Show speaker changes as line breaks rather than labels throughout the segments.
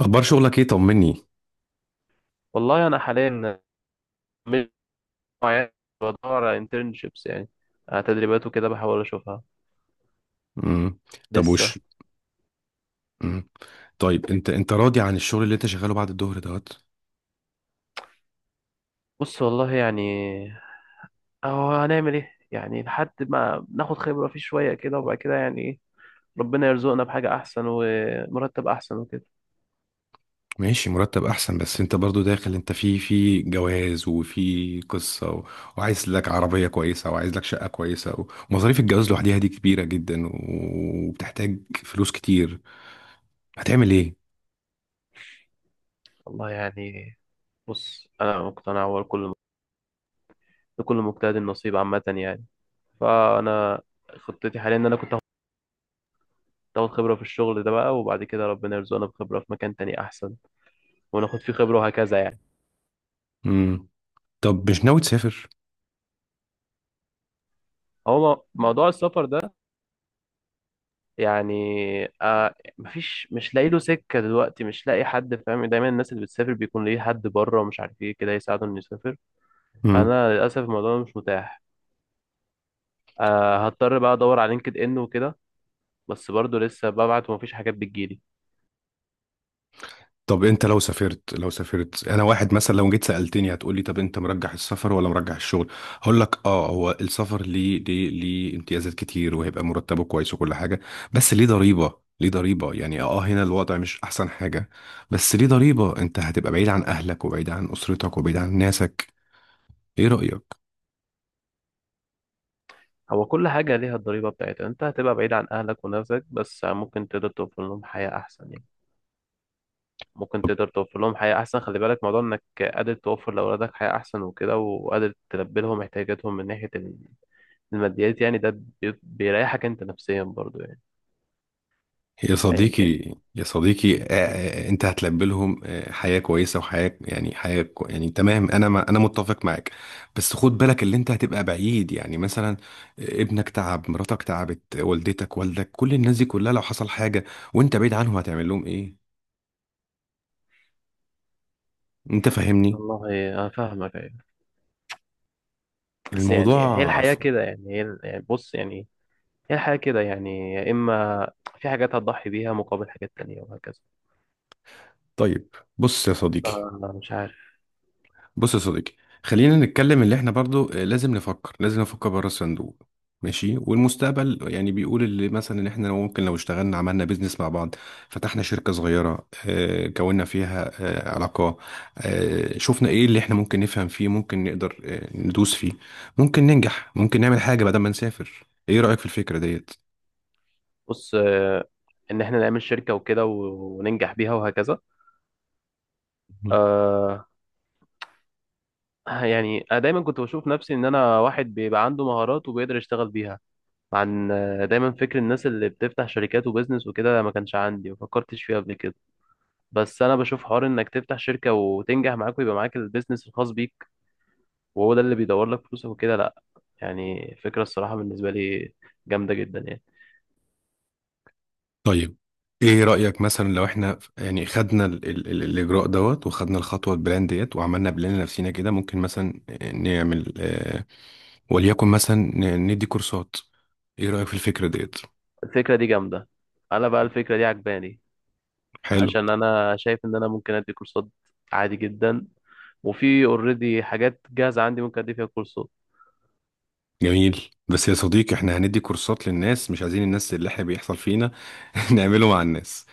اخبار شغلك ايه؟ طمني.
والله انا حاليا مش معايا- بدور على internships، يعني على تدريبات وكده. بحاول اشوفها
امم. طب
لسه.
امم. طيب، انت راضي عن الشغل اللي انت شغاله بعد الظهر دوت؟
بص والله يعني اهو هنعمل ايه يعني لحد ما ناخد خبرة فيه شوية كده، وبعد كده يعني ايه، ربنا يرزقنا بحاجة احسن ومرتب احسن وكده.
ماشي. مرتب احسن، بس انت برضو داخل انت في جواز وفي قصة وعايز لك عربية كويسة، وعايز لك شقة كويسة، ومصاريف الجواز لوحديها دي كبيرة جدا، وبتحتاج فلوس كتير. هتعمل ايه؟
والله يعني بص، انا مقتنع هو كل لكل مجتهد النصيب عامة يعني. فانا خطتي حاليا ان انا كنت اخد خبرة في الشغل ده بقى، وبعد كده ربنا يرزقنا بخبرة في مكان تاني احسن وناخد فيه خبرة وهكذا يعني.
امم. طب مش ناوي تسافر؟
هو موضوع السفر ده يعني آه، مفيش، مش لاقي له سكة دلوقتي، مش لاقي حد فاهم. دايما الناس اللي بتسافر بيكون ليه حد بره ومش عارف ايه كده يساعده انه يسافر. انا للأسف الموضوع ده مش متاح. آه هضطر بقى ادور على لينكد ان وكده، بس برضه لسه ببعت ومفيش حاجات بتجيلي.
طب، انت لو سافرت، انا واحد مثلا لو جيت سألتني هتقولي: طب انت مرجح السفر ولا مرجح الشغل؟ هقول لك: هو السفر ليه امتيازات كتير، وهيبقى مرتبه كويس وكل حاجة، بس ليه ضريبة. ليه ضريبة؟ يعني هنا الوضع مش احسن حاجة، بس ليه ضريبة. انت هتبقى بعيد عن اهلك، وبعيد عن اسرتك، وبعيد عن ناسك. ايه رأيك؟
هو كل حاجة ليها الضريبة بتاعتها، انت هتبقى بعيد عن اهلك ونفسك، بس ممكن تقدر توفر لهم حياة احسن يعني. ممكن تقدر توفر لهم حياة أحسن. خلي بالك موضوع إنك قادر توفر لأولادك حياة أحسن وكده، وقادر تلبي لهم احتياجاتهم من ناحية الماديات يعني. ده بيريحك انت نفسيا برضو يعني.
يا
ايا
صديقي.
كان.
يا صديقي، انت هتلبلهم حياة كويسة، وحياة، يعني حياة يعني تمام. انا، ما انا متفق معاك، بس خد بالك اللي انت هتبقى بعيد، يعني مثلا ابنك تعب، مراتك تعبت، والدتك، والدك، كل الناس دي كلها لو حصل حاجة وانت بعيد عنهم، هتعمل لهم ايه؟ انت فاهمني؟
والله انا فاهمك ايوه، بس يعني هي
الموضوع
الحياة
ف-
كده يعني، يعني بص يعني هي الحياة كده يعني. يا اما في حاجات هتضحي بيها مقابل حاجات تانية وهكذا.
طيب، بص يا صديقي.
فأنا مش عارف.
بص يا صديقي خلينا نتكلم اللي احنا برضو لازم نفكر، لازم نفكر بره الصندوق. ماشي، والمستقبل يعني بيقول اللي مثلا ان احنا، لو ممكن، لو اشتغلنا عملنا بيزنس مع بعض، فتحنا شركة صغيرة، كوننا فيها علاقة، شفنا ايه اللي احنا ممكن نفهم فيه، ممكن نقدر ندوس فيه، ممكن ننجح، ممكن نعمل حاجة بدل ما نسافر. ايه رأيك في الفكرة ديت؟
بص آه، ان احنا نعمل شركة وكده وننجح بيها وهكذا. آه يعني انا دايما كنت بشوف نفسي ان انا واحد بيبقى عنده مهارات وبيقدر يشتغل بيها عن آه، دايما فكر الناس اللي بتفتح شركات وبزنس وكده ما كانش عندي، ما فكرتش فيه قبل كده. بس انا بشوف حوار انك تفتح شركه وتنجح معاك ويبقى معاك البيزنس الخاص بيك، وهو ده اللي بيدور لك فلوسك وكده، لا يعني فكره الصراحه بالنسبه لي جامده جدا يعني.
طيب، ايه رأيك مثلا لو احنا يعني خدنا ال ال ال الاجراء دوت، وخدنا الخطوة، البلان ديت، وعملنا بلان لنفسينا كده، ممكن مثلا نعمل وليكن مثلا ندي كورسات. ايه رأيك في الفكرة ديت؟
الفكره دي جامده، انا بقى الفكره دي عجباني.
حلو.
عشان انا شايف ان انا ممكن ادي كورسات عادي جدا، وفي اوريدي حاجات جاهزه عندي ممكن ادي فيها كورسات.
جميل، بس يا صديقي احنا هندي كورسات للناس مش عايزين، الناس اللي احنا بيحصل فينا. نعمله مع الناس.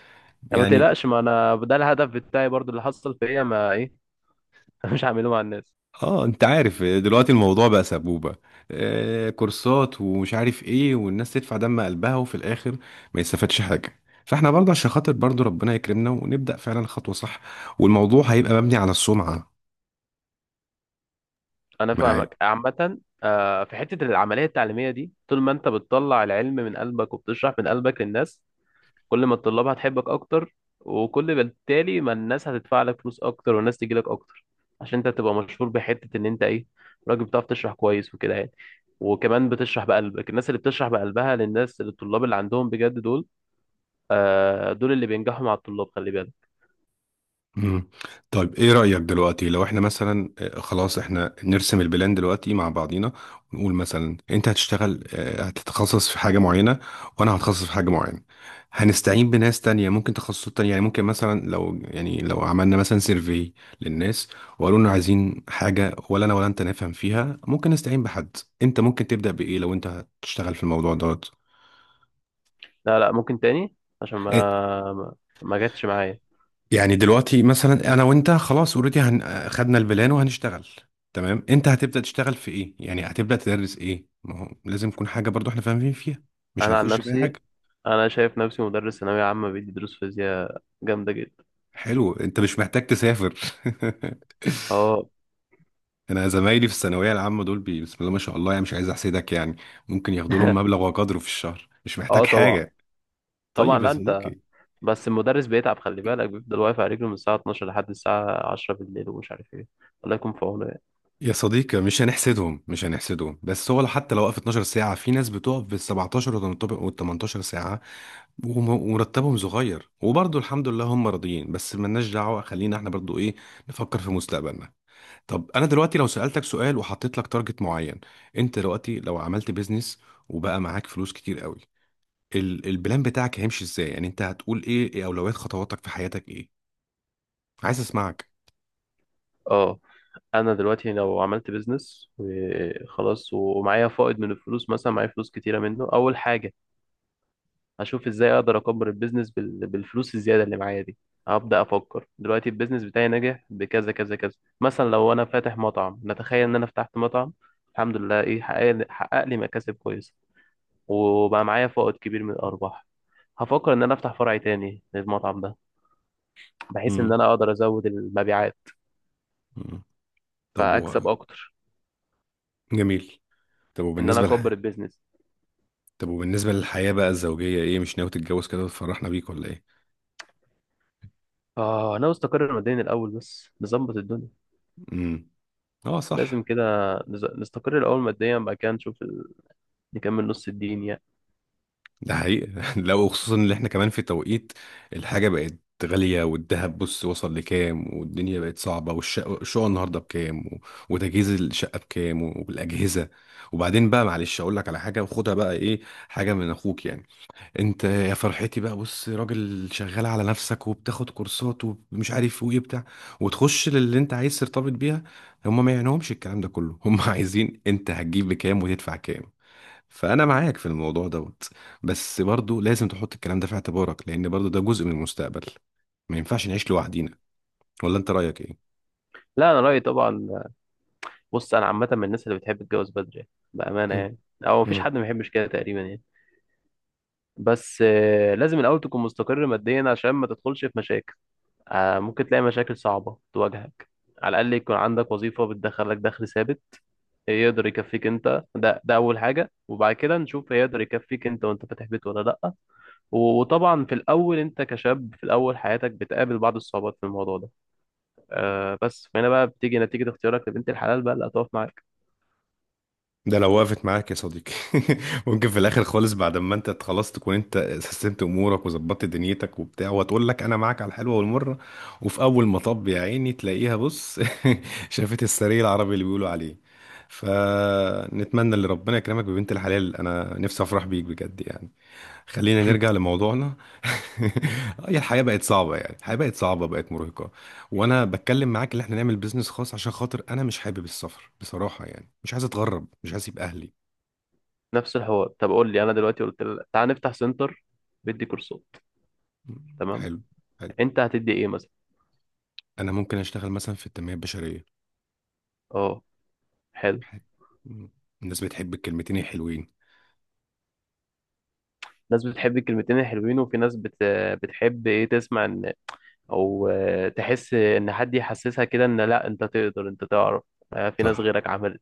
يعني ما
يعني
تقلقش، ما انا ده الهدف بتاعي برضو اللي حصل فيا ما ايه. مش هعمله مع الناس.
اه انت عارف، دلوقتي الموضوع بقى سبوبة، كورسات ومش عارف ايه، والناس تدفع دم قلبها وفي الاخر ما يستفادش حاجة. فاحنا برضه عشان خاطر برضه ربنا يكرمنا ونبدأ فعلا خطوة صح، والموضوع هيبقى مبني على السمعة.
انا
معاه.
فاهمك عامه آه، في حته العمليه التعليميه دي طول ما انت بتطلع العلم من قلبك وبتشرح من قلبك للناس، كل ما الطلاب هتحبك اكتر، وكل بالتالي ما الناس هتدفع لك فلوس اكتر والناس تجي لك اكتر. عشان انت تبقى مشهور بحته ان انت ايه، راجل بتعرف تشرح كويس وكده يعني. وكمان بتشرح بقلبك. الناس اللي بتشرح بقلبها للناس للطلاب اللي عندهم بجد دول آه، دول اللي بينجحوا مع الطلاب، خلي بالك.
مم. طيب، ايه رأيك دلوقتي لو احنا مثلا خلاص احنا نرسم البلان دلوقتي مع بعضينا، ونقول مثلا انت هتشتغل، هتتخصص في حاجة معينة، وانا هتخصص في حاجة معينة. هنستعين بناس تانية، ممكن تخصصات تانية، يعني ممكن مثلا لو، يعني لو عملنا مثلا سيرفي للناس، وقالوا لنا عايزين حاجة ولا انا ولا انت نفهم فيها، ممكن نستعين بحد. انت ممكن تبدأ بإيه لو انت هتشتغل في الموضوع دوت؟
لا لا ممكن تاني، عشان
آه.
ما ما جاتش معايا.
يعني دلوقتي مثلا انا وانت خلاص اوريدي خدنا البلان وهنشتغل. تمام. انت هتبدا تشتغل في ايه، يعني هتبدا تدرس ايه؟ ما هو لازم يكون حاجه برضو احنا فاهمين فيها، مش
انا عن
هنخش فيها
نفسي،
حاجه.
انا شايف نفسي مدرس ثانويه عامه بيدي دروس فيزياء جامده جدا.
حلو، انت مش محتاج تسافر.
اه.
انا زمايلي في الثانويه العامه دول بسم الله ما شاء الله، يعني مش عايز احسدك يعني. ممكن ياخدوا لهم مبلغ وقدره في الشهر، مش
اه
محتاج
طبعا.
حاجه.
طبعا.
طيب يا
لا انت
صديقي.
بس المدرس بيتعب خلي بالك، بيفضل واقف على رجله من الساعه 12 لحد الساعه 10 بالليل، ومش عارف ايه. الله يكون في عونه يعني.
مش هنحسدهم، مش هنحسدهم، بس هو حتى لو وقف 12 ساعة، في ناس بتقف بال 17 وال 18 ساعة، ومرتبهم صغير، وبرضه الحمد لله هم راضيين، بس ملناش دعوة. خلينا احنا برضه ايه، نفكر في مستقبلنا. طب انا دلوقتي لو سألتك سؤال وحطيت لك تارجت معين، انت دلوقتي لو عملت بيزنس وبقى معاك فلوس كتير قوي، البلان بتاعك هيمشي ازاي؟ يعني انت هتقول ايه اولويات خطواتك في حياتك؟ ايه؟ عايز اسمعك.
اه انا دلوقتي لو عملت بيزنس وخلاص ومعايا فائض من الفلوس، مثلا معايا فلوس كتيره منه، اول حاجه اشوف ازاي اقدر اكبر البيزنس بالفلوس الزياده اللي معايا دي. هبدا افكر دلوقتي البيزنس بتاعي ناجح بكذا كذا كذا. مثلا لو انا فاتح مطعم، نتخيل ان انا فتحت مطعم، الحمد لله ايه، حقق لي مكاسب كويسه وبقى معايا فائض كبير من الارباح، هفكر ان انا افتح فرع تاني للمطعم ده، بحيث ان
امم.
انا اقدر ازود المبيعات
طب
فاكسب اكتر.
جميل. طب
ان انا
وبالنسبة
اكبر البيزنس.
طب وبالنسبة للحياة بقى الزوجية، ايه، مش ناوي تتجوز كده وتفرحنا بيك ولا ايه؟
اه انا استقر ماديا الاول، بس نظبط الدنيا.
امم. اه، صح.
لازم كده، نستقر الاول ماديا، بعد كده نشوف نكمل نص الدين يعني.
ده حقيقة. لو خصوصا ان احنا كمان في توقيت الحاجة بقت غالية، والذهب بص وصل لكام، والدنيا بقت صعبة، الشقة النهاردة بكام وتجهيز الشقة بكام والأجهزة. وبعدين بقى، معلش أقول لك على حاجة وخدها بقى، ايه، حاجة من أخوك يعني. انت يا فرحتي بقى، بص، راجل شغال على نفسك وبتاخد كورسات ومش عارف وايه بتاع، وتخش للي انت عايز ترتبط بيها، هم ما يعنيهمش الكلام ده كله. هم عايزين انت هتجيب بكام وتدفع كام. فانا معاك في الموضوع دوت، بس برضو لازم تحط الكلام ده في اعتبارك، لان برضو ده جزء من المستقبل. ما ينفعش نعيش لوحدينا، ولا انت رايك ايه؟
لا انا رايي طبعا. بص انا عامه من الناس اللي بتحب تتجوز بدري بامانه يعني، او مفيش حد ما بيحبش كده تقريبا يعني. بس آه، لازم الاول تكون مستقر ماديا عشان ما تدخلش في مشاكل. آه، ممكن تلاقي مشاكل صعبه تواجهك. على الاقل يكون عندك وظيفه بتدخلك دخل ثابت يقدر يكفيك انت، ده ده اول حاجه. وبعد كده نشوف هيقدر يكفيك انت وانت فاتح بيت ولا لا. وطبعا في الاول انت كشاب في الاول حياتك بتقابل بعض الصعوبات في الموضوع ده، آه، بس هنا بقى بتيجي نتيجه اختيارك لبنت الحلال بقى اللي هتقف معاك.
ده لو وقفت معاك يا صديقي. ممكن في الاخر خالص، بعد ما انت خلاص تكون انت سيستمت امورك وظبطت دنيتك وبتاع، وتقول لك: انا معاك على الحلوه والمره، وفي اول مطب يا عيني تلاقيها بص. شافت السرير العربي اللي بيقولوا عليه. فنتمنى ان ربنا يكرمك ببنت الحلال، انا نفسي افرح بيك بجد يعني. خلينا نرجع لموضوعنا. هي الحياة بقت صعبة يعني، الحياة بقت صعبة، بقت مرهقة. وانا بتكلم معاك ان احنا نعمل بيزنس خاص، عشان خاطر انا مش حابب السفر بصراحة يعني، مش عايز اتغرب، مش عايز اسيب اهلي.
نفس الحوار، طب قول لي انا دلوقتي قلت لك تعال نفتح سنتر، بدي كورسات، تمام،
حلو، حلو.
انت هتدي ايه مثلا.
انا ممكن اشتغل مثلا في التنمية البشرية.
اه حلو.
الناس بتحب الكلمتين الحلوين.
ناس بتحب الكلمتين الحلوين، وفي بتحب ايه تسمع ان، او آه، تحس ان حد يحسسها كده ان لا انت تقدر، انت تعرف، آه، في ناس
صح،
غيرك عملت.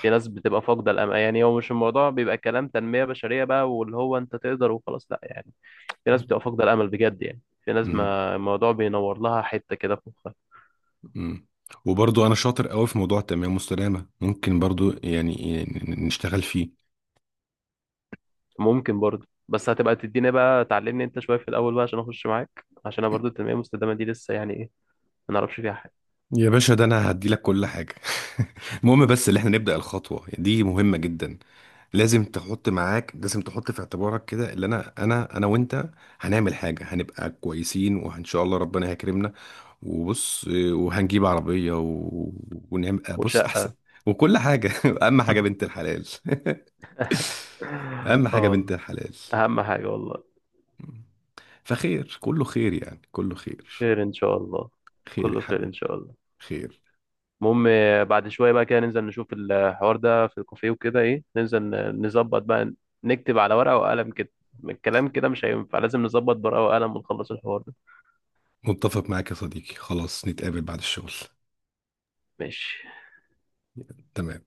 في ناس بتبقى فاقده الامل يعني. هو مش الموضوع بيبقى كلام تنميه بشريه بقى واللي هو انت تقدر وخلاص، لا يعني. في ناس بتبقى فاقده الامل بجد يعني. في ناس
امم،
ما الموضوع بينور لها حته كده في مخها.
امم. وبرضو انا شاطر قوي في موضوع التنمية المستدامة، ممكن برضو يعني نشتغل فيه.
ممكن برضه، بس هتبقى تديني بقى تعلمني انت شويه في الاول بقى عشان اخش معاك، عشان انا برضه التنميه المستدامه دي لسه يعني ايه، ما نعرفش فيها حاجه.
يا باشا، ده انا هديلك كل حاجة. المهم، بس اللي احنا نبدأ الخطوة دي مهمة جدا. لازم تحط معاك، لازم تحط في اعتبارك كده اللي انا، وانت هنعمل حاجة، هنبقى كويسين وان شاء الله ربنا هيكرمنا. وبص، وهنجيب عربية، ونعمل بص احسن،
وشقه.
وكل حاجة. اهم حاجة بنت الحلال. اهم حاجة بنت
اه.
الحلال.
اهم حاجه والله.
فخير، كله خير، يعني كله خير.
خير ان شاء الله.
خير يا
كله خير ان
حبيبي.
شاء الله.
خير.
المهم آه، بعد شويه بقى كده ننزل نشوف الحوار ده في الكافيه وكده ايه، ننزل نظبط بقى، نكتب على ورقه وقلم كده. الكلام كده مش هينفع، لازم نظبط ورقه وقلم ونخلص الحوار ده.
متفق معاك يا صديقي، خلاص نتقابل بعد الشغل.
ماشي.
تمام.